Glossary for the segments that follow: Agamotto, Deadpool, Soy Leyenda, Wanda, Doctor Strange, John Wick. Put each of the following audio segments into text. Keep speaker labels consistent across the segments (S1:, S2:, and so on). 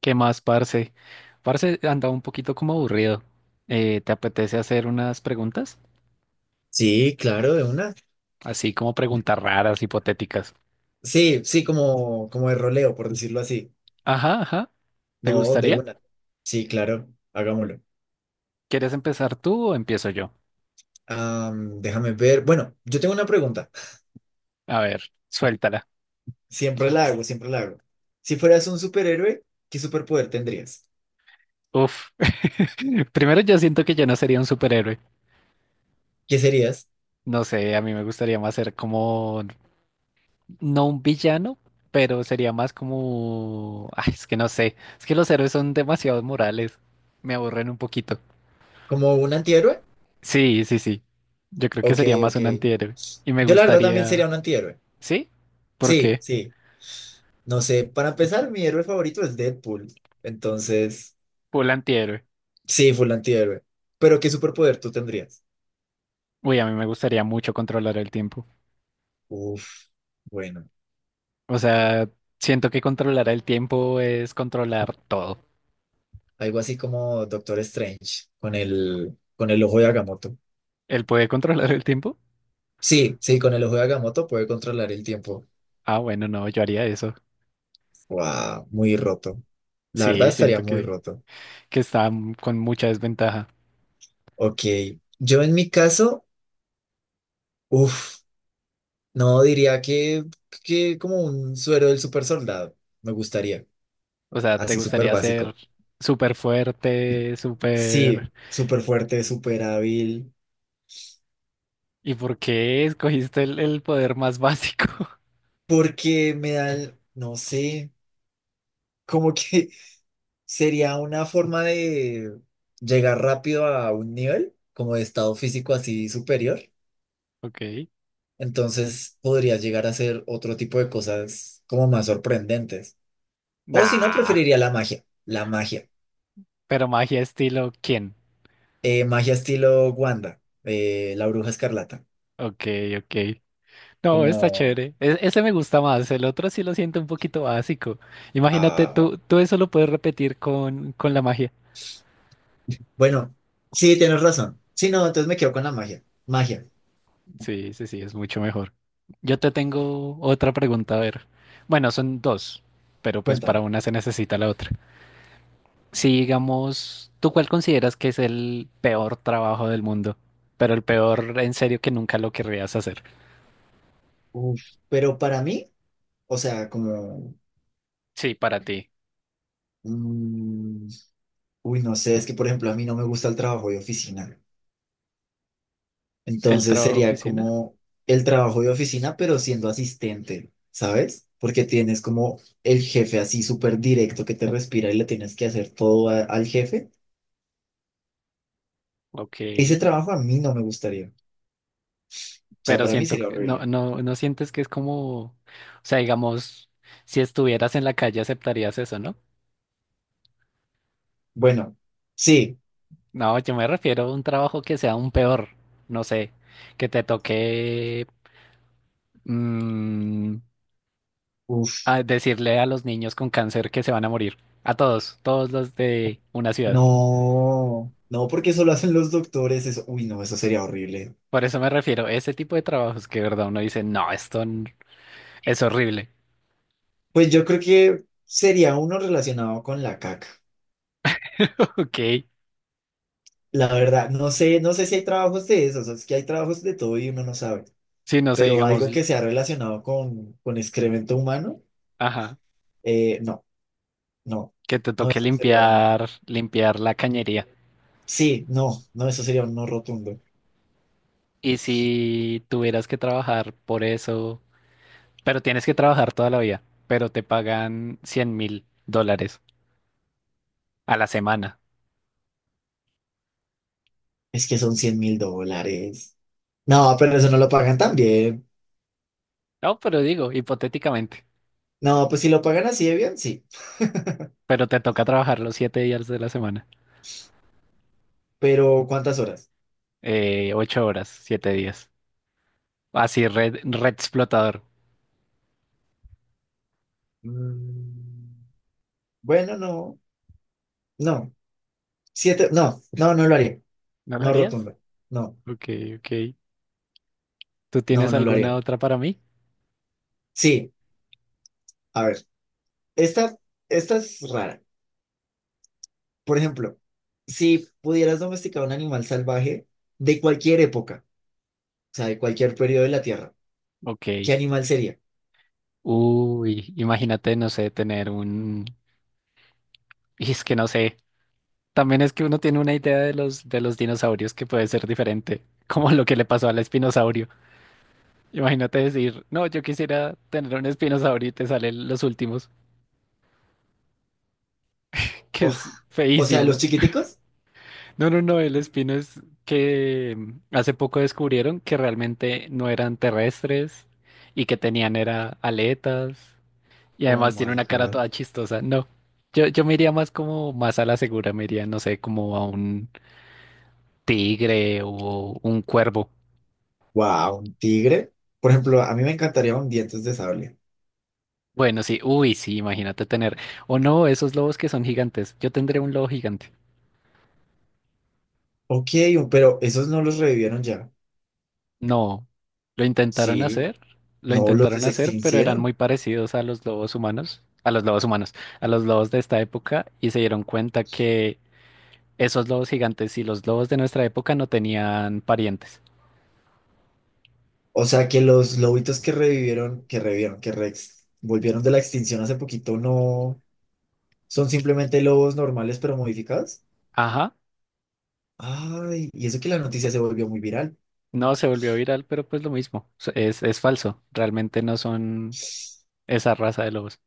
S1: ¿Qué más, parce? Parce andaba un poquito como aburrido. ¿Te apetece hacer unas preguntas?
S2: Sí, claro, de una.
S1: Así como preguntas raras, hipotéticas.
S2: Sí, sí, como, como de roleo, por decirlo así.
S1: Ajá, ajá. ¿Te
S2: No, de
S1: gustaría?
S2: una. Sí, claro, hagámoslo.
S1: ¿Quieres empezar tú o empiezo yo?
S2: Déjame ver. Bueno, yo tengo una pregunta.
S1: A ver, suéltala.
S2: Siempre la hago, siempre la hago. Si fueras un superhéroe, ¿qué superpoder tendrías?
S1: Uf. Primero yo siento que yo no sería un superhéroe.
S2: ¿Qué serías?
S1: No sé, a mí me gustaría más ser como, no un villano, pero sería más como... Ay, es que no sé. Es que los héroes son demasiado morales. Me aburren un poquito.
S2: ¿Como un antihéroe?
S1: Sí, sí, sí. Yo creo que
S2: Ok,
S1: sería más un
S2: ok.
S1: antihéroe. Y me
S2: Yo la verdad también sería
S1: gustaría...
S2: un antihéroe.
S1: ¿Sí? ¿Por
S2: Sí,
S1: qué?
S2: sí. No sé, para empezar, mi héroe favorito es Deadpool. Entonces,
S1: Full antihéroe.
S2: sí, full antihéroe. Pero ¿qué superpoder tú tendrías?
S1: Uy, a mí me gustaría mucho controlar el tiempo.
S2: Uf, bueno,
S1: O sea, siento que controlar el tiempo es controlar todo.
S2: algo así como Doctor Strange con el ojo de Agamotto.
S1: ¿Él puede controlar el tiempo?
S2: Sí, sí, con el ojo de Agamotto puede controlar el tiempo.
S1: Ah, bueno, no, yo haría eso.
S2: Wow, muy roto. La verdad
S1: Sí,
S2: estaría
S1: siento
S2: muy
S1: que,
S2: roto.
S1: que está con mucha desventaja.
S2: Ok, yo en mi caso, uf, no diría que como un suero del super soldado, me gustaría,
S1: O sea, ¿te
S2: así súper
S1: gustaría ser
S2: básico.
S1: súper fuerte,
S2: Sí,
S1: súper...
S2: súper fuerte, súper hábil,
S1: ¿Y por qué escogiste el poder más básico?
S2: porque me da, no sé, como que sería una forma de llegar rápido a un nivel como de estado físico así superior.
S1: Ok.
S2: Entonces podría llegar a hacer otro tipo de cosas como más sorprendentes. O si no,
S1: Nah.
S2: preferiría la magia. La magia.
S1: Pero magia estilo, ¿quién?
S2: Magia estilo Wanda, la bruja escarlata.
S1: Ok, ok. No, está
S2: Como,
S1: chévere. Ese me gusta más. El otro sí lo siento un poquito básico. Imagínate,
S2: ah,
S1: tú eso lo puedes repetir con la magia.
S2: bueno, sí, tienes razón. Sí, no, entonces me quedo con la magia. Magia,
S1: Sí, sí, sí, es mucho mejor. Yo te tengo otra pregunta, a ver. Bueno, son dos, pero pues para
S2: cuéntame.
S1: una se necesita la otra. Si digamos, ¿tú cuál consideras que es el peor trabajo del mundo? Pero el peor en serio que nunca lo querrías hacer.
S2: Uf, pero para mí, o sea, como...
S1: Sí, para ti.
S2: mm, uy, no sé, es que por ejemplo a mí no me gusta el trabajo de oficina.
S1: ¿El
S2: Entonces
S1: trabajo de
S2: sería
S1: oficina?
S2: como el trabajo de oficina, pero siendo asistente, ¿sabes? Porque tienes como el jefe así súper directo que te respira y le tienes que hacer todo al jefe.
S1: Ok.
S2: Ese trabajo a mí no me gustaría. O sea,
S1: Pero
S2: para mí
S1: siento
S2: sería
S1: que no,
S2: horrible.
S1: no, no sientes que es como, o sea, digamos, si estuvieras en la calle aceptarías eso, ¿no?
S2: Bueno, sí.
S1: No, yo me refiero a un trabajo que sea un peor, no sé, que te toque mm,
S2: Uf,
S1: a decirle a los niños con cáncer que se van a morir, a todos, todos los de una ciudad.
S2: no, no, porque eso lo hacen los doctores. Eso, uy, no, eso sería horrible.
S1: Por eso me refiero a ese tipo de trabajos que de verdad uno dice, no, esto es horrible.
S2: Pues yo creo que sería uno relacionado con la caca.
S1: Ok,
S2: La verdad, no sé, no sé si hay trabajos de esos, es que hay trabajos de todo y uno no sabe,
S1: si no sé,
S2: pero
S1: digamos,
S2: algo que sea relacionado con excremento humano,
S1: ajá,
S2: no, no,
S1: que te
S2: no,
S1: toque
S2: eso sería un,
S1: limpiar la cañería.
S2: sí, no, no, eso sería un no rotundo.
S1: Y si tuvieras que trabajar por eso, pero tienes que trabajar toda la vida, pero te pagan $100.000 a la semana.
S2: Es que son $100,000. No, pero eso no lo pagan tan bien.
S1: No, pero digo, hipotéticamente,
S2: No, pues si lo pagan así de bien, sí,
S1: pero te toca trabajar los 7 días de la semana,
S2: pero ¿cuántas horas?
S1: 8 horas, 7 días. Así, red explotador.
S2: Mm, bueno, no, no, siete, no, no, no lo haría,
S1: ¿No lo
S2: no
S1: harías?
S2: rotundo, no,
S1: Ok, ok. ¿Tú
S2: no,
S1: tienes
S2: no lo
S1: alguna
S2: haría.
S1: otra para mí?
S2: Sí. A ver. Esta, esta es rara. Por ejemplo, si pudieras domesticar un animal salvaje de cualquier época, o sea, de cualquier periodo de la Tierra, ¿qué
S1: Ok.
S2: animal sería?
S1: Uy, imagínate, no sé, tener un... Y es que no sé. También es que uno tiene una idea de los dinosaurios que puede ser diferente, como lo que le pasó al espinosaurio. Imagínate decir, no, yo quisiera tener un espinosaurio y te salen los últimos, que
S2: Oh,
S1: es
S2: o sea, los
S1: feísimo.
S2: chiquiticos.
S1: No, no, no, el espino es que hace poco descubrieron que realmente no eran terrestres y que tenían era aletas y
S2: Oh
S1: además tiene
S2: my
S1: una cara
S2: God.
S1: toda chistosa. No, yo me iría más como más a la segura, me iría, no sé, como a un tigre o un cuervo.
S2: Wow, un tigre. Por ejemplo, a mí me encantaría un dientes de sable.
S1: Bueno, sí, uy, sí, imagínate tener, o no, esos lobos que son gigantes, yo tendré un lobo gigante.
S2: Ok, pero esos no los revivieron ya.
S1: No, lo intentaron
S2: Sí,
S1: hacer, lo
S2: no los
S1: intentaron hacer, pero eran
S2: desextincieron.
S1: muy parecidos a los lobos humanos, a los lobos humanos, a los lobos de esta época, y se dieron cuenta que esos lobos gigantes y los lobos de nuestra época no tenían parientes.
S2: O sea, que los lobitos que revivieron, que revivieron, que rex, volvieron de la extinción hace poquito, no son simplemente lobos normales pero modificados.
S1: Ajá,
S2: Ay, y eso que la noticia se volvió muy viral.
S1: no, se volvió viral, pero pues lo mismo, es falso, realmente no son esa raza de lobos.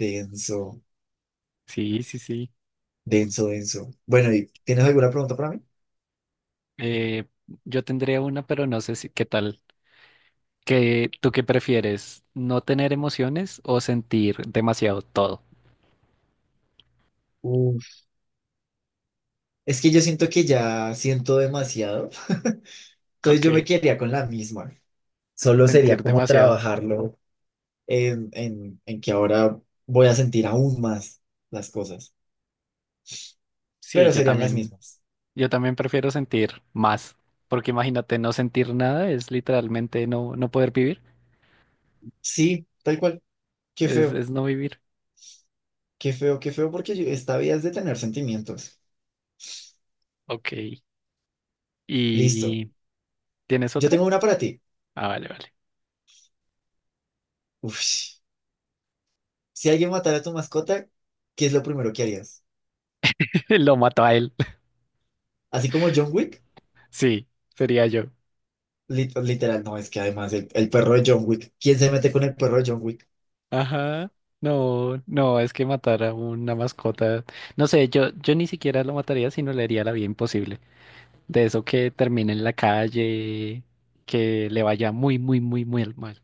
S2: Denso,
S1: Sí, sí, sí.
S2: denso, denso. Bueno, ¿y tienes alguna pregunta para mí?
S1: Eh, yo tendría una, pero no sé si qué tal. ¿Qué, tú qué prefieres? ¿No tener emociones o sentir demasiado todo?
S2: Uf, es que yo siento que ya siento demasiado. Entonces
S1: Ok,
S2: yo me quedaría con la misma. Solo sería
S1: sentir
S2: como
S1: demasiado.
S2: trabajarlo en, en que ahora voy a sentir aún más las cosas.
S1: Sí,
S2: Pero serían las mismas.
S1: yo también prefiero sentir más, porque imagínate, no sentir nada es literalmente no, no poder vivir,
S2: Sí, tal cual. Qué feo,
S1: es no vivir.
S2: qué feo, qué feo, porque yo- esta vida es de tener sentimientos.
S1: Ok,
S2: Listo.
S1: ¿y tienes
S2: Yo
S1: otra?
S2: tengo una para ti.
S1: Ah, vale, vale.
S2: Uf. Si alguien matara a tu mascota, ¿qué es lo primero que harías?
S1: Lo mató a él.
S2: Así como John Wick,
S1: Sí, sería yo.
S2: literal, no, es que además el perro de John Wick, ¿quién se mete con el perro de John Wick?
S1: Ajá. No, no, es que matar a una mascota. No sé, yo ni siquiera lo mataría, sino le haría la vida imposible. De eso que termine en la calle, que le vaya muy, muy, muy, muy al mal.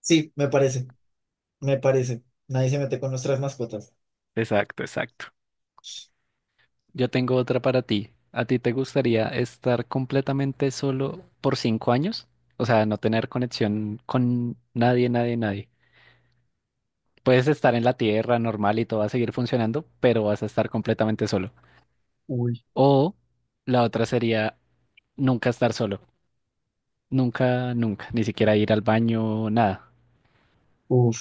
S2: Sí, me parece, me parece. Nadie se mete con nuestras mascotas.
S1: Exacto, exacto. Yo tengo otra para ti. ¿A ti te gustaría estar completamente solo por 5 años? O sea, no tener conexión con nadie, nadie, nadie. Puedes estar en la tierra normal y todo va a seguir funcionando, pero vas a estar completamente solo.
S2: Uy.
S1: O la otra sería nunca estar solo. Nunca, nunca. Ni siquiera ir al baño, nada.
S2: Uf.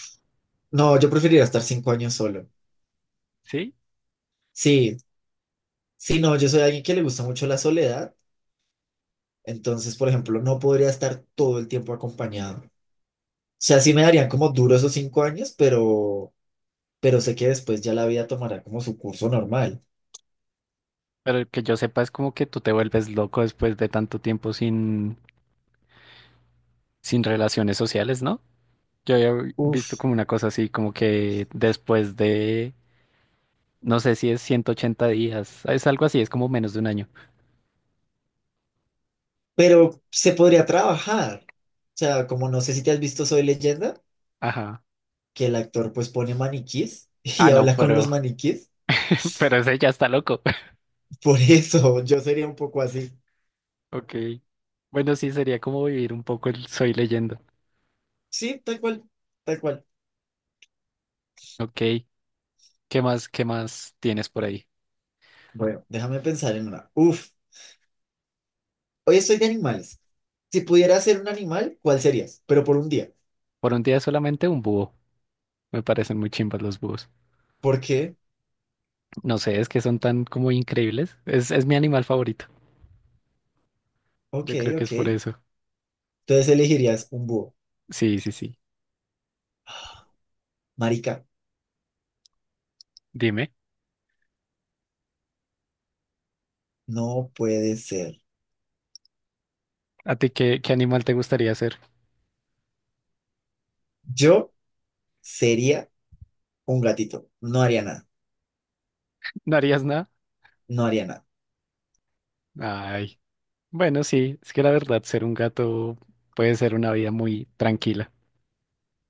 S2: No, yo preferiría estar 5 años solo.
S1: ¿Sí?
S2: Sí, sí, no, yo soy alguien que le gusta mucho la soledad, entonces, por ejemplo, no podría estar todo el tiempo acompañado. O sea, sí me darían como duro esos 5 años, pero sé que después ya la vida tomará como su curso normal.
S1: Pero que yo sepa es como que tú te vuelves loco después de tanto tiempo sin relaciones sociales, ¿no? Yo había visto como una cosa así, como que después de, no sé si es 180 días, es algo así, es como menos de un año.
S2: Pero se podría trabajar. O sea, como no sé si te has visto Soy Leyenda,
S1: Ajá.
S2: que el actor pues pone maniquís y
S1: Ah, no,
S2: habla con
S1: pero,
S2: los maniquís.
S1: pero ese ya está loco.
S2: Por eso yo sería un poco así.
S1: Ok. Bueno, sí, sería como vivir un poco el Soy Leyenda.
S2: Sí, tal cual, tal cual.
S1: Ok. Qué más tienes por ahí?
S2: Bueno, déjame pensar en una. Uf, hoy estoy de animales. Si pudieras ser un animal, ¿cuál serías? Pero por un día.
S1: Por un día solamente un búho. Me parecen muy chimbas los búhos.
S2: ¿Por qué?
S1: No sé, es que son tan como increíbles. Es mi animal favorito.
S2: Ok,
S1: Yo creo que es
S2: ok.
S1: por eso.
S2: Entonces elegirías un búho.
S1: Sí, sí, sí.
S2: Marica,
S1: Dime,
S2: no puede ser.
S1: ¿a ti qué, qué animal te gustaría ser?
S2: Yo sería un gatito. No haría nada.
S1: ¿No harías nada?
S2: No haría nada.
S1: Ay, bueno, sí, es que la verdad, ser un gato puede ser una vida muy tranquila.